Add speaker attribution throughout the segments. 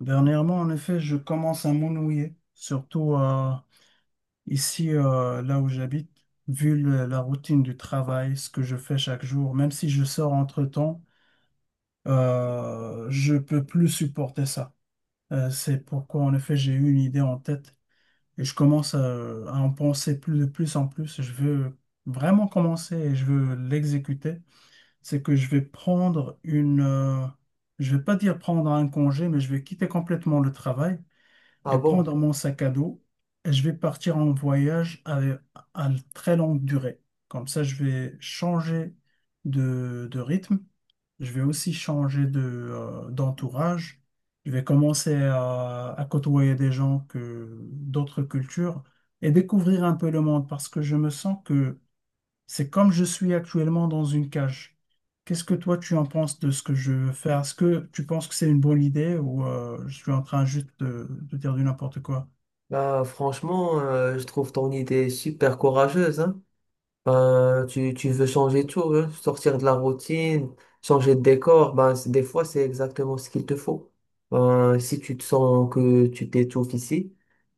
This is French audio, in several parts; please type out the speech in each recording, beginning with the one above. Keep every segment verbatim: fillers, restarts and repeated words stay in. Speaker 1: Dernièrement, en effet, je commence à m'ennuyer, surtout euh, ici, euh, là où j'habite, vu le- la routine du travail, ce que je fais chaque jour, même si je sors entre-temps, euh, je peux plus supporter ça. Euh, c'est pourquoi, en effet, j'ai eu une idée en tête et je commence à, à en penser plus de plus en plus. Je veux vraiment commencer et je veux l'exécuter. C'est que je vais prendre une, euh, je vais pas dire prendre un congé, mais je vais quitter complètement le travail et
Speaker 2: Ah bon?
Speaker 1: prendre mon sac à dos. Et je vais partir en voyage à, à très longue durée. Comme ça, je vais changer de, de rythme. Je vais aussi changer de, euh, d'entourage. Je vais commencer à, à côtoyer des gens que d'autres cultures et découvrir un peu le monde parce que je me sens que c'est comme je suis actuellement dans une cage. Qu'est-ce que toi tu en penses de ce que je veux faire? Est-ce que tu penses que c'est une bonne idée ou euh, je suis en train juste de, de dire du n'importe quoi?
Speaker 2: Bah, franchement, euh, je trouve ton idée super courageuse, hein. Ben, tu, tu veux changer tout, hein, sortir de la routine, changer de décor. Ben, c'est- des fois, c'est exactement ce qu'il te faut. Ben, si tu te sens que tu t'étouffes ici,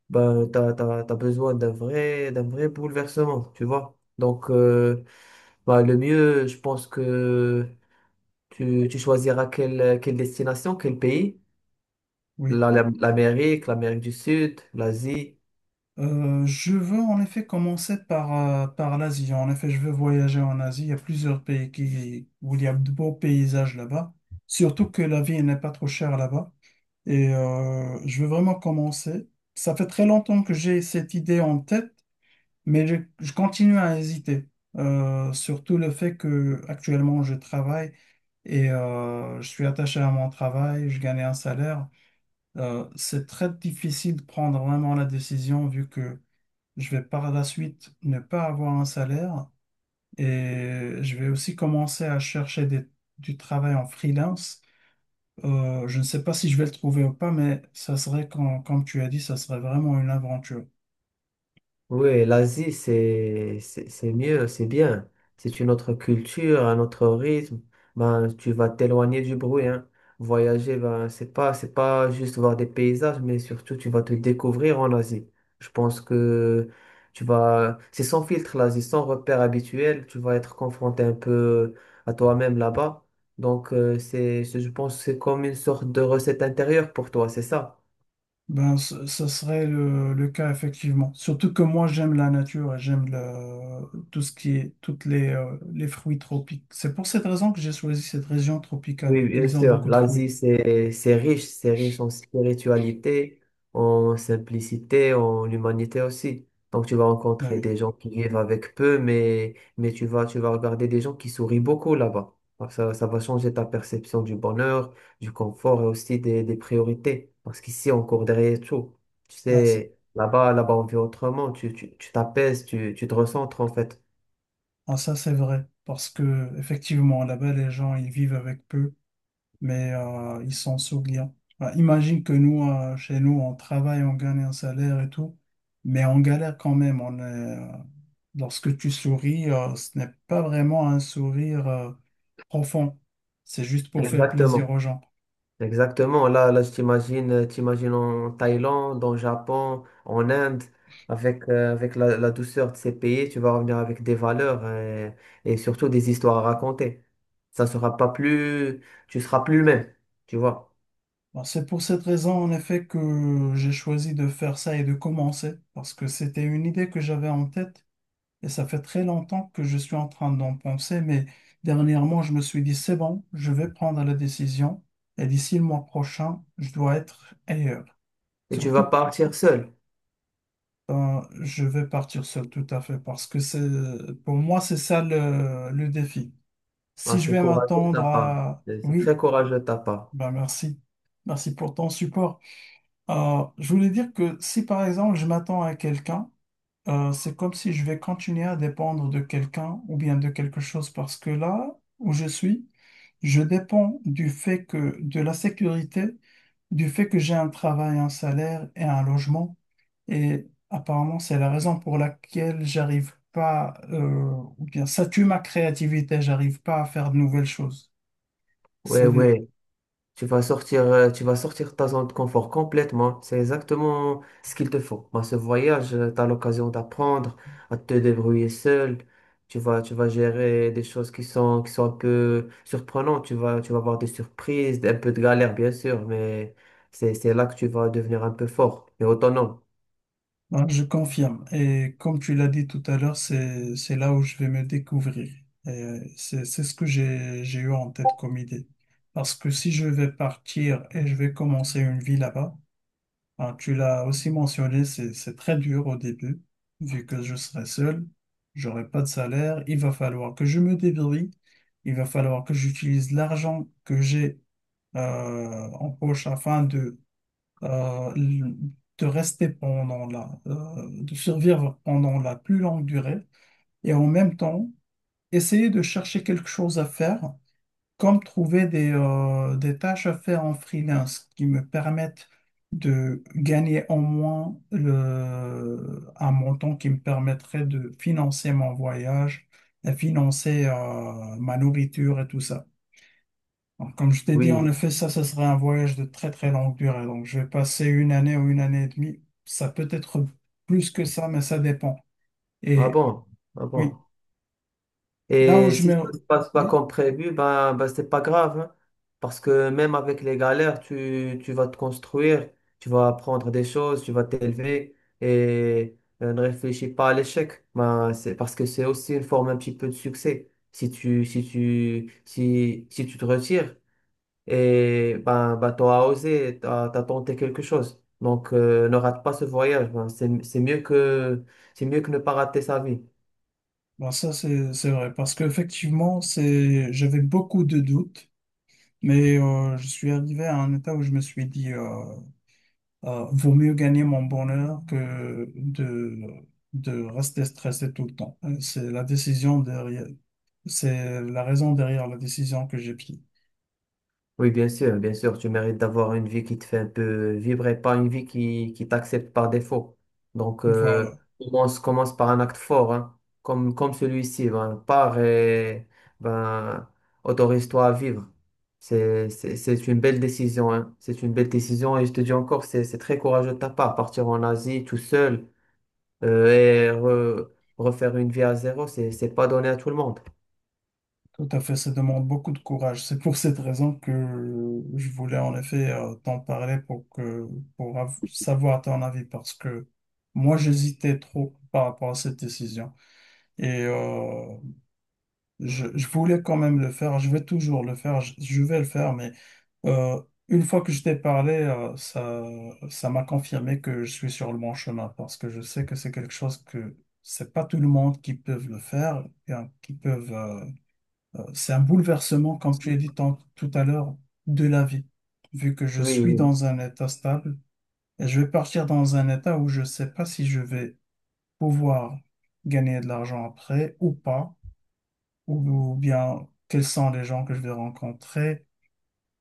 Speaker 2: ben, t'as, t'as, t'as besoin d'un vrai, d'un vrai bouleversement, tu vois. Donc, euh, ben, le mieux, je pense que tu, tu choisiras quelle, quelle destination, quel pays.
Speaker 1: Oui.
Speaker 2: La- la- L'Amérique, l'Amérique du Sud, l'Asie.
Speaker 1: Euh, je veux en effet commencer par, euh, par l'Asie. En effet, je veux voyager en Asie. Il y a plusieurs pays qui, où il y a de beaux paysages là-bas. Surtout que la vie n'est pas trop chère là-bas. Et euh, je veux vraiment commencer. Ça fait très longtemps que j'ai cette idée en tête. Mais je, je continue à hésiter. Euh, surtout le fait que actuellement je travaille et euh, je suis attaché à mon travail, je gagne un salaire. Euh, c'est très difficile de prendre vraiment la décision vu que je vais par la suite ne pas avoir un salaire et je vais aussi commencer à chercher des- du travail en freelance. Euh, je ne sais pas si je vais le trouver ou pas, mais ça serait, quand- comme tu as dit, ça serait vraiment une aventure.
Speaker 2: Oui, l'Asie, c'est, c'est c'est mieux, c'est bien. C'est une autre culture, un autre rythme. Ben, tu vas t'éloigner du bruit, hein. Voyager, ben, c'est pas, c'est pas juste voir des paysages, mais surtout, tu vas te découvrir en Asie. Je pense que tu vas, c'est sans filtre, l'Asie, sans repère habituel. Tu vas être confronté un peu à toi-même là-bas. Donc, euh, c'est, c'est- je pense, que c'est comme une sorte de recette intérieure pour toi, c'est ça?
Speaker 1: Ben, ce, ce serait le, le cas effectivement. Surtout que moi, j'aime la nature et j'aime le- tout ce qui est, toutes les, euh, les fruits tropiques. C'est pour cette raison que j'ai choisi cette région tropicale,
Speaker 2: Oui,
Speaker 1: vu
Speaker 2: bien
Speaker 1: qu'ils ont
Speaker 2: sûr.
Speaker 1: beaucoup de
Speaker 2: L'Asie,
Speaker 1: fruits.
Speaker 2: c'est, c'est riche, c'est riche en spiritualité, en simplicité, en humanité aussi. Donc, tu vas
Speaker 1: Ben
Speaker 2: rencontrer
Speaker 1: oui,
Speaker 2: des gens qui vivent avec peu, mais, mais tu vas, tu vas regarder des gens qui sourient beaucoup là-bas. Alors, Ça, ça va changer ta perception du bonheur, du confort et aussi des, des priorités. Parce qu'ici, on court derrière tout. Tu
Speaker 1: ah, c'est-
Speaker 2: sais, là-bas, là-bas, on vit autrement. Tu, tu, tu t'apaises, tu, tu te recentres en fait.
Speaker 1: ah, ça c'est vrai. Parce que effectivement, là-bas, les gens, ils vivent avec peu. Mais euh, ils s'en souviennent. Bah, imagine que nous, euh, chez nous, on travaille, on gagne un salaire et tout, mais on galère quand même. On est, euh, lorsque tu souris, euh, ce n'est pas vraiment un sourire euh, profond. C'est juste pour faire plaisir
Speaker 2: Exactement.
Speaker 1: aux gens.
Speaker 2: Exactement. Là, là, je t'imagine, euh, t'imagines en Thaïlande, en Japon, en Inde, avec, euh, avec la, la douceur de ces pays, tu vas revenir avec des valeurs euh, et, surtout des histoires à raconter. Ça sera pas plus, tu seras plus le même, tu vois.
Speaker 1: Bon, c'est pour cette raison, en effet, que j'ai choisi de faire ça et de commencer, parce que c'était une idée que j'avais en tête. Et ça fait très longtemps que je suis en train d'en penser, mais dernièrement, je me suis dit, c'est bon, je vais prendre la décision et d'ici le mois prochain, je dois être ailleurs.
Speaker 2: Et tu vas
Speaker 1: Surtout,
Speaker 2: partir seul.
Speaker 1: euh, je vais partir seul tout à fait parce que c'est, pour moi, c'est ça le, le défi.
Speaker 2: Ah,
Speaker 1: Si je
Speaker 2: c'est
Speaker 1: vais
Speaker 2: courageux de ta
Speaker 1: m'attendre
Speaker 2: part.
Speaker 1: à...
Speaker 2: C'est c'est très
Speaker 1: Oui,
Speaker 2: courageux de ta part.
Speaker 1: ben merci. Merci pour ton support. Euh, je voulais dire que si par exemple, je m'attends à quelqu'un, Euh, c'est comme si je vais continuer à dépendre de quelqu'un ou bien de quelque chose parce que là où je suis, je dépends du fait que de la sécurité, du fait que j'ai un travail, un salaire et un logement. Et apparemment, c'est la raison pour laquelle j'arrive pas, euh, ou bien ça tue ma créativité, j'arrive pas à faire de nouvelles choses.
Speaker 2: Ouais,
Speaker 1: C'est
Speaker 2: ouais. Tu vas sortir, euh, tu vas sortir de ta zone de confort complètement. C'est exactement ce qu'il te faut. Dans ce voyage, tu as l'occasion d'apprendre à te débrouiller seul. Tu vas, tu vas gérer des choses qui sont, qui sont un peu surprenantes. Tu vas, tu vas avoir des surprises, un peu de galère, bien sûr, mais c'est, c'est là que tu vas devenir un peu fort et autonome.
Speaker 1: non, je confirme. Et comme tu l'as dit tout à l'heure, c'est, c'est là où je vais me découvrir. Et c'est, c'est ce que j'ai, j'ai eu en tête comme idée. Parce que si je vais partir et je vais commencer une vie là-bas, hein, tu l'as aussi mentionné, c'est, c'est très dur au début, vu que je serai seul, j'aurai pas de salaire, il va falloir que je me débrouille, il va falloir que j'utilise l'argent que j'ai euh, en poche afin de euh, de rester pendant la, euh, de survivre pendant la plus longue durée et en même temps essayer de chercher quelque chose à faire, comme trouver des, euh, des tâches à faire en freelance qui me permettent de gagner au moins le, un montant qui me permettrait de financer mon voyage, de financer, euh, ma nourriture et tout ça. Donc, comme je t'ai dit, en
Speaker 2: Oui.
Speaker 1: effet, ça, ça serait un voyage de très très longue durée. Donc, je vais passer une année ou une année et demie. Ça peut être plus que ça, mais ça dépend.
Speaker 2: Ah
Speaker 1: Et
Speaker 2: bon? Ah
Speaker 1: oui,
Speaker 2: bon?
Speaker 1: là où
Speaker 2: Et
Speaker 1: je
Speaker 2: si
Speaker 1: mets...
Speaker 2: ça ne se passe pas
Speaker 1: Oui,
Speaker 2: comme prévu, ben, ben c'est pas grave, hein. Parce que même avec les galères, tu, tu vas te construire, tu vas apprendre des choses, tu vas t'élever et euh, ne réfléchis pas à l'échec. Ben, c'est parce que c'est aussi une forme un petit peu de succès. Si tu, si tu, si, si tu te retires, et ben, ben tu as osé, tu as, tenté quelque chose. Donc, euh, ne rate pas ce voyage. Ben, c'est, c'est mieux que, c'est mieux que ne pas rater sa vie.
Speaker 1: ben ça c'est c'est vrai. Parce qu'effectivement, c'est... j'avais beaucoup de doutes, mais euh, je suis arrivé à un état où je me suis dit, euh, euh, vaut mieux gagner mon bonheur que de, de rester stressé tout le temps. Euh, C'est la décision derrière... C'est la raison derrière la décision que j'ai prise.
Speaker 2: Oui, bien sûr, bien sûr, tu mérites d'avoir une vie qui te fait un peu vibrer, pas une vie qui, qui t'accepte par défaut. Donc, euh,
Speaker 1: Voilà,
Speaker 2: commence, commence par un acte fort, hein, comme, comme celui-ci. Ben, pars et ben, autorise-toi à vivre. C'est, c'est, c'est une belle décision, hein. C'est une belle décision et je te dis encore, c'est, c'est très courageux de ta part. Partir en Asie tout seul euh, et re- refaire une vie à zéro, c'est, c'est pas donné à tout le monde.
Speaker 1: tout à fait, ça demande beaucoup de courage. C'est pour cette raison que je voulais en effet euh, t'en parler pour que pour av- savoir ton avis parce que moi j'hésitais trop par rapport à cette décision et euh, je, je voulais quand même le faire. Je vais toujours le faire, je, je vais le faire, mais euh, une fois que je t'ai parlé, euh, ça ça m'a confirmé que je suis sur le bon chemin parce que je sais que c'est quelque chose que c'est pas tout le monde qui peut le faire, hein, qui peuvent euh, Euh, C'est un bouleversement, comme tu as dit tant- tout à l'heure, de la vie, vu que je
Speaker 2: Oui,
Speaker 1: suis
Speaker 2: oui.
Speaker 1: dans un état stable et je vais partir dans un état où je ne sais pas si je vais pouvoir gagner de l'argent après ou pas, ou, ou bien quels sont les gens que je vais rencontrer,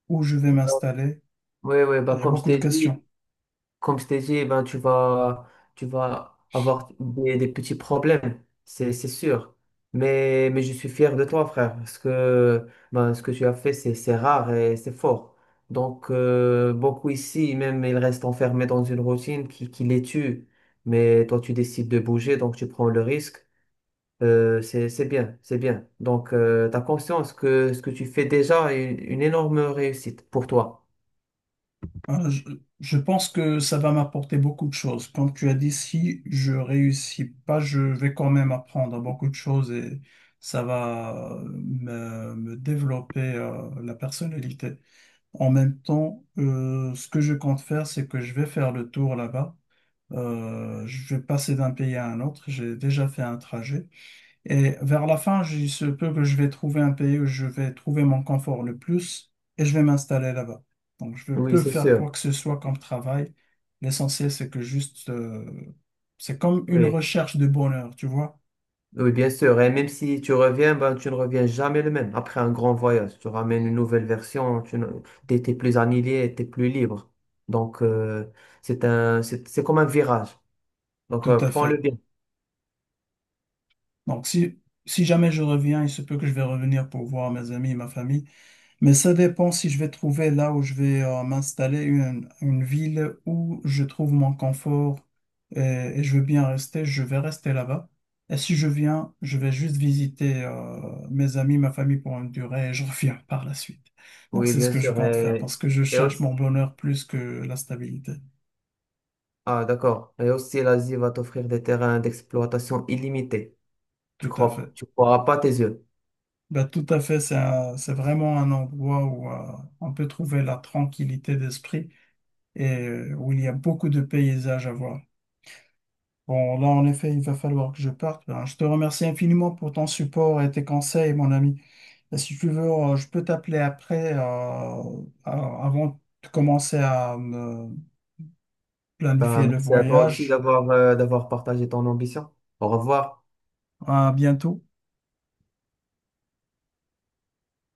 Speaker 1: où je vais m'installer.
Speaker 2: Oui, oui, bah,
Speaker 1: Il y a
Speaker 2: comme je
Speaker 1: beaucoup de
Speaker 2: t'ai
Speaker 1: questions.
Speaker 2: dit. comme je t'ai dit, eh ben, tu vas, tu vas avoir des, des petits problèmes, c'est, c'est sûr. Mais, mais je suis fier de toi, frère, parce que ben, ce que tu as fait, c'est, c'est rare et c'est fort. Donc, euh, beaucoup ici, même, ils restent enfermés dans une routine qui, qui les tue. Mais toi, tu décides de bouger, donc tu prends le risque. Euh, c'est, c'est bien, c'est bien. Donc, tu as conscience que ce que tu fais déjà est une énorme réussite pour toi.
Speaker 1: Euh, Je, je pense que ça va m'apporter beaucoup de choses. Comme tu as dit, si je réussis pas, je vais quand même apprendre beaucoup de choses et ça va euh, me, me développer euh, la personnalité. En même temps, euh, ce que je compte faire, c'est que je vais faire le tour là-bas. Euh, je vais passer d'un pays à un autre. J'ai déjà fait un trajet. Et vers la fin, je- il se peut que je vais trouver un pays où je vais trouver mon confort le plus et je vais m'installer là-bas. Donc, je
Speaker 2: Oui,
Speaker 1: peux
Speaker 2: c'est
Speaker 1: faire
Speaker 2: sûr.
Speaker 1: quoi que ce soit comme travail. L'essentiel, c'est que juste, euh, c'est comme une
Speaker 2: Oui.
Speaker 1: recherche de bonheur, tu vois?
Speaker 2: Oui, bien sûr. Et même si tu reviens, ben, tu ne reviens jamais le même. Après un grand voyage, tu ramènes une nouvelle version, tu es, plus annihilé, tu es plus libre. Donc, euh, c'est un, c'est, c'est comme un virage. Donc,
Speaker 1: Tout
Speaker 2: euh,
Speaker 1: à
Speaker 2: prends-le
Speaker 1: fait.
Speaker 2: bien.
Speaker 1: Donc, si, si jamais je reviens, il se peut que je vais revenir pour voir mes amis et ma famille. Mais ça dépend si je vais trouver là où je vais euh, m'installer une, une ville où je trouve mon confort et, et je veux bien rester, je vais rester là-bas. Et si je viens, je vais juste visiter euh, mes amis, ma famille pour une durée et je reviens par la suite. Donc
Speaker 2: Oui,
Speaker 1: c'est ce
Speaker 2: bien
Speaker 1: que je
Speaker 2: sûr.
Speaker 1: compte faire
Speaker 2: Et,
Speaker 1: parce que je
Speaker 2: et
Speaker 1: cherche mon
Speaker 2: aussi,
Speaker 1: bonheur plus que la stabilité.
Speaker 2: ah, d'accord. Et aussi, l'Asie va t'offrir des terrains d'exploitation illimités. Tu
Speaker 1: Tout à fait.
Speaker 2: crois, tu croiras pas tes yeux.
Speaker 1: Bah, tout à fait, c'est un- c'est vraiment un endroit où euh, on peut trouver la tranquillité d'esprit et euh, où il y a beaucoup de paysages à voir. Bon, là, en effet, il va falloir que je parte. Ben, je te remercie infiniment pour ton support et tes conseils, mon ami. Et si tu veux, euh, je peux t'appeler après, euh, a- avant de commencer à me
Speaker 2: Ben,
Speaker 1: planifier le
Speaker 2: merci à toi aussi
Speaker 1: voyage.
Speaker 2: d'avoir, euh, d'avoir partagé ton ambition. Au revoir.
Speaker 1: À bientôt.